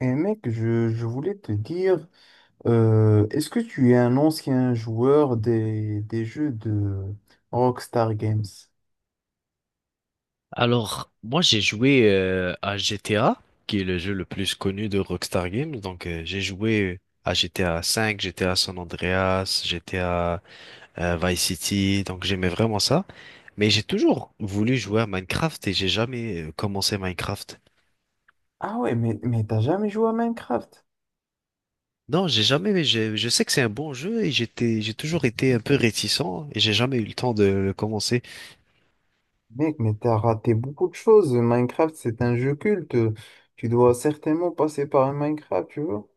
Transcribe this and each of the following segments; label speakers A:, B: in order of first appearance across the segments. A: Et mec, je voulais te dire, est-ce que tu es un ancien joueur des jeux de Rockstar Games?
B: Alors, moi j'ai joué à GTA, qui est le jeu le plus connu de Rockstar Games. Donc j'ai joué à GTA V, GTA San Andreas, GTA Vice City. Donc j'aimais vraiment ça. Mais j'ai toujours voulu jouer à Minecraft et j'ai jamais commencé Minecraft.
A: Ah ouais, mais t'as jamais joué à Minecraft?
B: Non, j'ai jamais. Je sais que c'est un bon jeu et j'ai toujours été un peu réticent et j'ai jamais eu le temps de le commencer.
A: Mec, mais t'as raté beaucoup de choses. Minecraft, c'est un jeu culte. Tu dois certainement passer par un Minecraft, tu vois?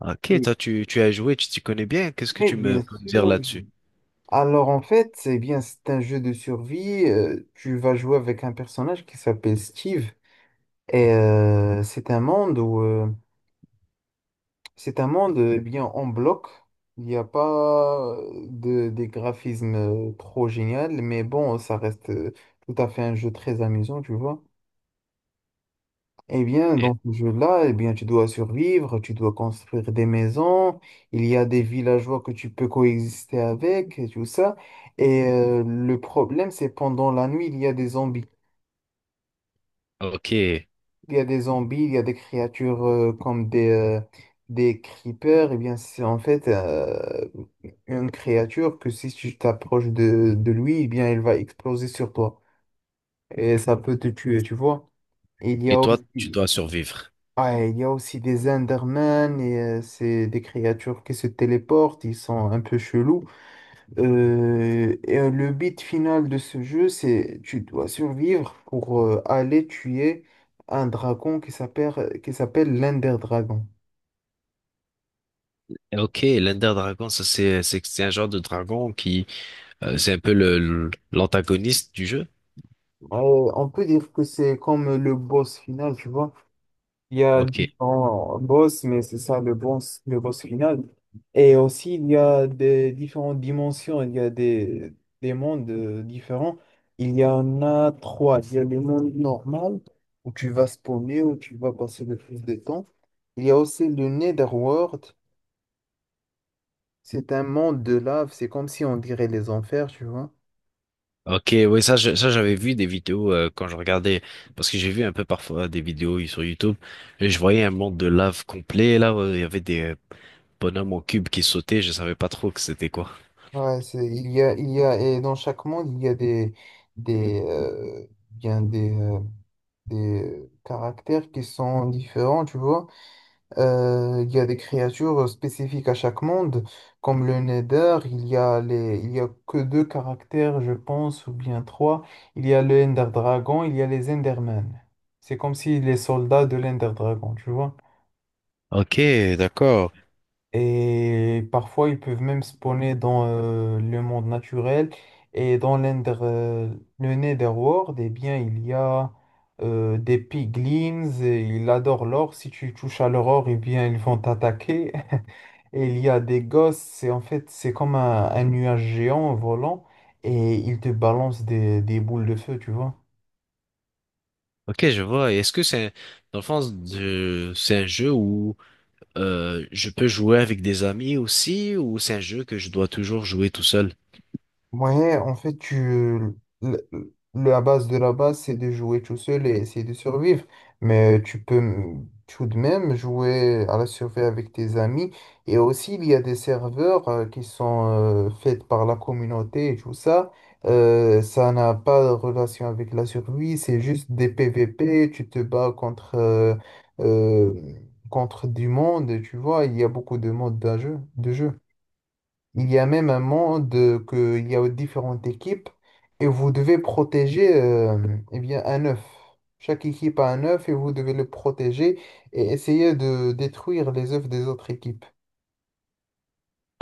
B: Ok,
A: Oui,
B: toi tu as joué, tu t'y connais bien. Qu'est-ce que
A: mais
B: tu
A: bien
B: me peux me dire
A: sûr.
B: là-dessus?
A: Alors en fait, c'est bien, c'est un jeu de survie. Tu vas jouer avec un personnage qui s'appelle Steve. Et c'est un monde c'est un monde bien en bloc. Il n'y a pas des graphismes trop génial, mais bon, ça reste tout à fait un jeu très amusant, tu vois. Eh bien,
B: Eh.
A: dans ce jeu-là, eh bien, tu dois survivre, tu dois construire des maisons, il y a des villageois que tu peux coexister avec, et tout ça. Et le problème, c'est pendant la nuit, il y a des zombies.
B: Ok.
A: Il y a des zombies, il y a des créatures comme des creepers. Et bien, c'est en fait une créature que si tu t'approches de lui, eh bien, elle va exploser sur toi. Et ça peut te tuer, tu vois. Il y
B: Et
A: a
B: toi, tu
A: aussi,
B: dois survivre.
A: ouais, il y a aussi des Endermen. C'est des créatures qui se téléportent. Ils sont un peu chelous. Et le but final de ce jeu, c'est tu dois survivre pour aller tuer un dragon qui s'appelle l'Ender Dragon.
B: Ok, l'Ender Dragon, ça c'est un genre de dragon qui c'est un peu l'antagoniste du jeu.
A: On peut dire que c'est comme le boss final, tu vois. Il y a
B: Ok,
A: différents boss, mais c'est ça le boss final. Et aussi, il y a des différentes dimensions, il y a des mondes différents. Il y en a trois. Il y a le monde normal, où tu vas spawner, où tu vas passer le plus de temps. Il y a aussi le Netherworld. C'est un monde de lave, c'est comme si on dirait les enfers, tu vois.
B: ok, oui ça ça j'avais vu des vidéos quand je regardais parce que j'ai vu un peu parfois des vidéos sur YouTube et je voyais un monde de lave complet là où il y avait des bonhommes en cube qui sautaient, je savais pas trop que c'était quoi.
A: Ouais, et dans chaque monde, il y a des, euh, bien des, euh, des caractères qui sont différents, tu vois. Il y a des créatures spécifiques à chaque monde, comme le Nether, il y a que deux caractères, je pense, ou bien trois. Il y a le Ender Dragon, il y a les Endermen. C'est comme si les soldats de l'Ender Dragon, tu vois.
B: Ok, d'accord.
A: Et parfois, ils peuvent même spawner dans le monde naturel. Et dans le Netherworld, eh bien, il y a des piglins. Et ils adorent l'or. Si tu touches à leur or, eh bien, ils vont t'attaquer. Et il y a des gosses. C'est, en fait, c'est comme un nuage géant volant. Et ils te balancent des boules de feu, tu vois.
B: Ok, je vois. Et est-ce que c'est dans c'est un jeu où je peux jouer avec des amis aussi ou c'est un jeu que je dois toujours jouer tout seul?
A: Ouais, en fait, la base de la base, c'est de jouer tout seul et essayer de survivre. Mais tu peux tout de même jouer à la survie avec tes amis. Et aussi, il y a des serveurs qui sont faits par la communauté et tout ça. Ça n'a pas de relation avec la survie, c'est juste des PVP. Tu te bats euh, contre du monde, tu vois. Il y a beaucoup de modes de jeu. Il y a même un monde que il y a différentes équipes et vous devez protéger eh bien un œuf. Chaque équipe a un œuf et vous devez le protéger et essayer de détruire les œufs des autres équipes.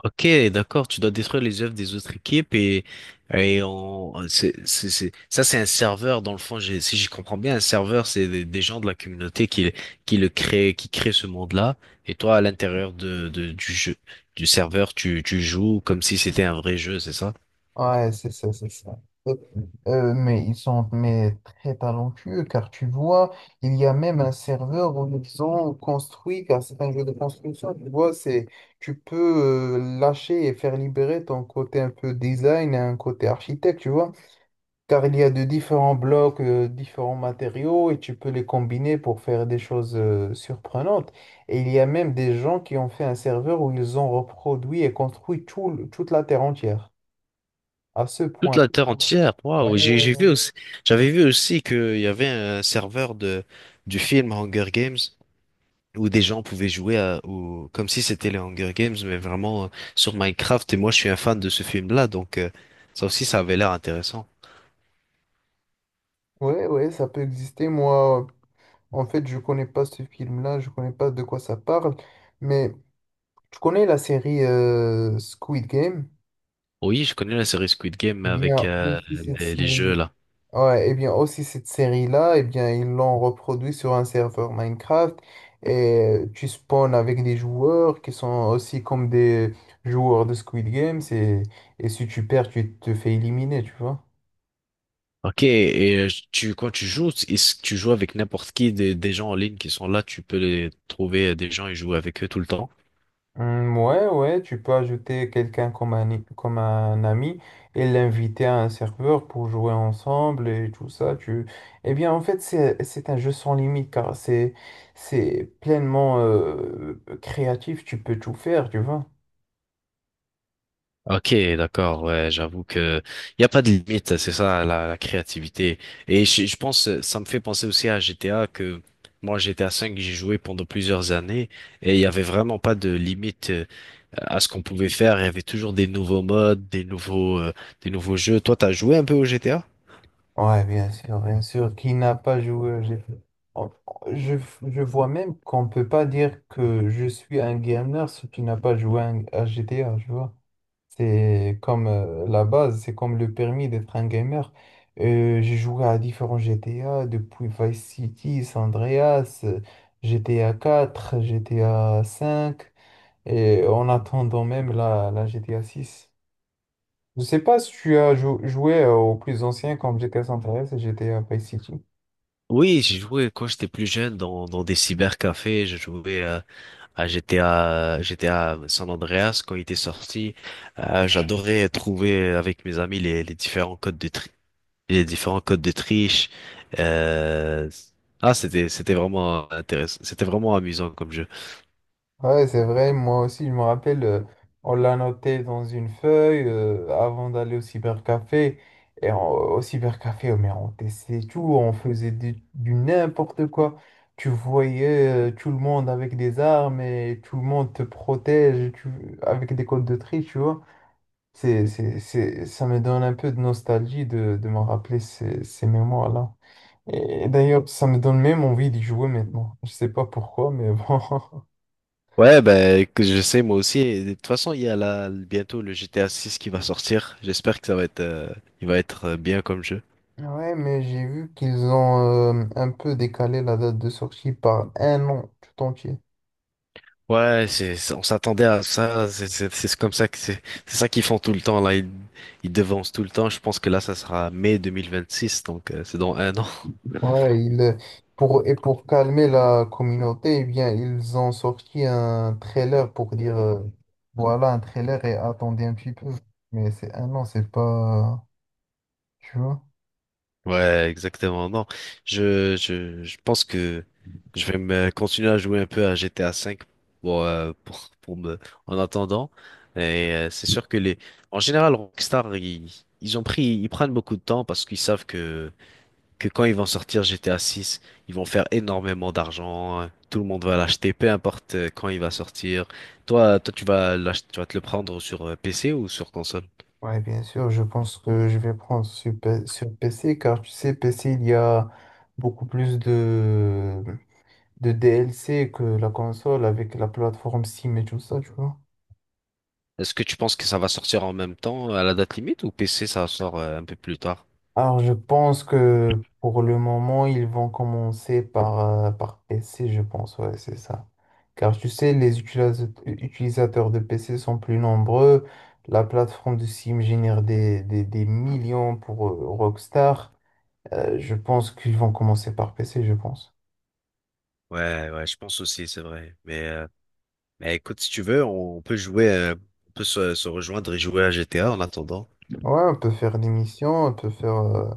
B: Ok, d'accord, tu dois détruire les œuvres des autres équipes et, ça c'est un serveur dans le fond, si j'y comprends bien, un serveur c'est des gens de la communauté qui le créent, qui créent ce monde-là et toi à l'intérieur du jeu, du serveur, tu joues comme si c'était un vrai jeu, c'est ça?
A: Ouais, c'est ça, c'est ça. Euh, mais ils sont mais très talentueux car tu vois, il y a même un serveur où ils ont construit, car c'est un jeu de construction, tu vois, c'est tu peux lâcher et faire libérer ton côté un peu design et un côté architecte, tu vois. Car il y a de différents blocs, différents matériaux et tu peux les combiner pour faire des choses surprenantes. Et il y a même des gens qui ont fait un serveur où ils ont reproduit et construit toute la Terre entière, à ce
B: Toute
A: point.
B: la terre entière,
A: Ouais,
B: waouh, j'ai
A: ouais.
B: vu aussi, j'avais vu aussi qu'il y avait un serveur de, du film Hunger Games où des gens pouvaient jouer à, comme si c'était les Hunger Games, mais vraiment sur Minecraft. Et moi, je suis un fan de ce film-là, donc ça aussi, ça avait l'air intéressant.
A: Ouais, ouais, ça peut exister. Moi, en fait, je connais pas ce film-là, je connais pas de quoi ça parle, mais tu connais la série Squid Game?
B: Oui, je connais la série Squid Game, mais
A: Eh
B: avec
A: bien, aussi cette
B: les
A: série.
B: jeux là.
A: Ouais, et bien aussi cette série-là, et bien ils l'ont reproduit sur un serveur Minecraft et tu spawns avec des joueurs qui sont aussi comme des joueurs de Squid Games et si tu perds, tu te fais éliminer, tu vois.
B: Ok, et tu quand tu joues, est-ce que tu joues avec n'importe qui des gens en ligne qui sont là, tu peux les trouver des gens et jouer avec eux tout le temps?
A: Hmm, ouais, ouais, tu peux ajouter quelqu'un comme comme un ami et l'inviter à un serveur pour jouer ensemble et tout ça. Eh bien, en fait, c'est un jeu sans limite car c'est pleinement créatif, tu peux tout faire, tu vois.
B: Ok, d'accord, ouais, j'avoue que il n'y a pas de limite, c'est ça la créativité. Et je pense, ça me fait penser aussi à GTA que moi GTA 5 j'ai joué pendant plusieurs années et il y avait vraiment pas de limite à ce qu'on pouvait faire. Il y avait toujours des nouveaux modes, des nouveaux jeux. Toi, t'as joué un peu au GTA?
A: Ouais, bien sûr, bien sûr. Qui n'a pas joué j'ai jeu? Je, je vois même qu'on peut pas dire que je suis un gamer si tu n'as pas joué à GTA, tu vois. C'est comme la base, c'est comme le permis d'être un gamer. J'ai joué à différents GTA, depuis Vice City, San Andreas, GTA 4, GTA 5, et en attendant même la GTA 6. Je sais pas si tu as joué aux plus anciens comme GTA San Andreas et GTA Vice City.
B: Oui, j'ai joué quand j'étais plus jeune dans des cybercafés. J'ai joué à GTA, GTA San Andreas quand il était sorti. J'adorais trouver avec mes amis les différents codes de tri- les différents codes de triche. Euh, Ah, c'était vraiment intéressant. C'était vraiment amusant comme jeu.
A: Ouais, c'est vrai, moi aussi, je me rappelle, on l'a noté dans une feuille avant d'aller au cybercafé. Et au cybercafé, oh, mais on testait tout, on faisait du n'importe quoi. Tu voyais tout le monde avec des armes et tout le monde te protège avec des codes de tri, tu vois. Ça me donne un peu de nostalgie de me rappeler ces mémoires-là. Et d'ailleurs, ça me donne même envie d'y jouer maintenant. Je sais pas pourquoi, mais bon.
B: Ouais, ben, que je sais, moi aussi. Et de toute façon, il y a là, bientôt le GTA 6 qui va sortir. J'espère que ça va être, il va être bien comme jeu.
A: Ouais, mais j'ai vu qu'ils ont un peu décalé la date de sortie par un an tout entier.
B: Ouais, on s'attendait à ça. C'est comme ça que c'est ça qu'ils font tout le temps, là. Ils devancent tout le temps. Je pense que là, ça sera mai 2026, donc, c'est dans un an.
A: Ouais, et pour calmer la communauté, eh bien, ils ont sorti un trailer pour dire voilà un trailer et attendez un petit peu. Mais c'est un an, c'est pas. Tu vois?
B: Ouais, exactement. Non, je pense que je vais me continuer à jouer un peu à GTA V pour, pour me, en attendant. Et c'est sûr que en général, Rockstar, ils, ils prennent beaucoup de temps parce qu'ils savent que quand ils vont sortir GTA 6, ils vont faire énormément d'argent. Tout le monde va l'acheter, peu importe quand il va sortir. Toi, tu vas tu vas te le prendre sur PC ou sur console?
A: Ouais, bien sûr, je pense que je vais prendre sur PC car tu sais, PC, il y a beaucoup plus de DLC que la console avec la plateforme Steam et tout ça, tu vois.
B: Est-ce que tu penses que ça va sortir en même temps à la date limite ou PC ça sort un peu plus tard?
A: Alors, je pense que pour le moment, ils vont commencer par PC, je pense, ouais, c'est ça. Car tu sais, les utilisateurs de PC sont plus nombreux. La plateforme de Steam génère des millions pour Rockstar. Je pense qu'ils vont commencer par PC, je pense.
B: Ouais, ouais, je pense aussi, c'est vrai. Mais écoute, si tu veux, on peut jouer, on peut se rejoindre et jouer à GTA en attendant.
A: Ouais, on peut faire des missions,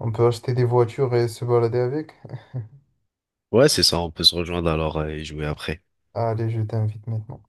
A: on peut acheter des voitures et se balader avec.
B: Ouais, c'est ça, on peut se rejoindre alors et jouer après.
A: Allez, je t'invite maintenant.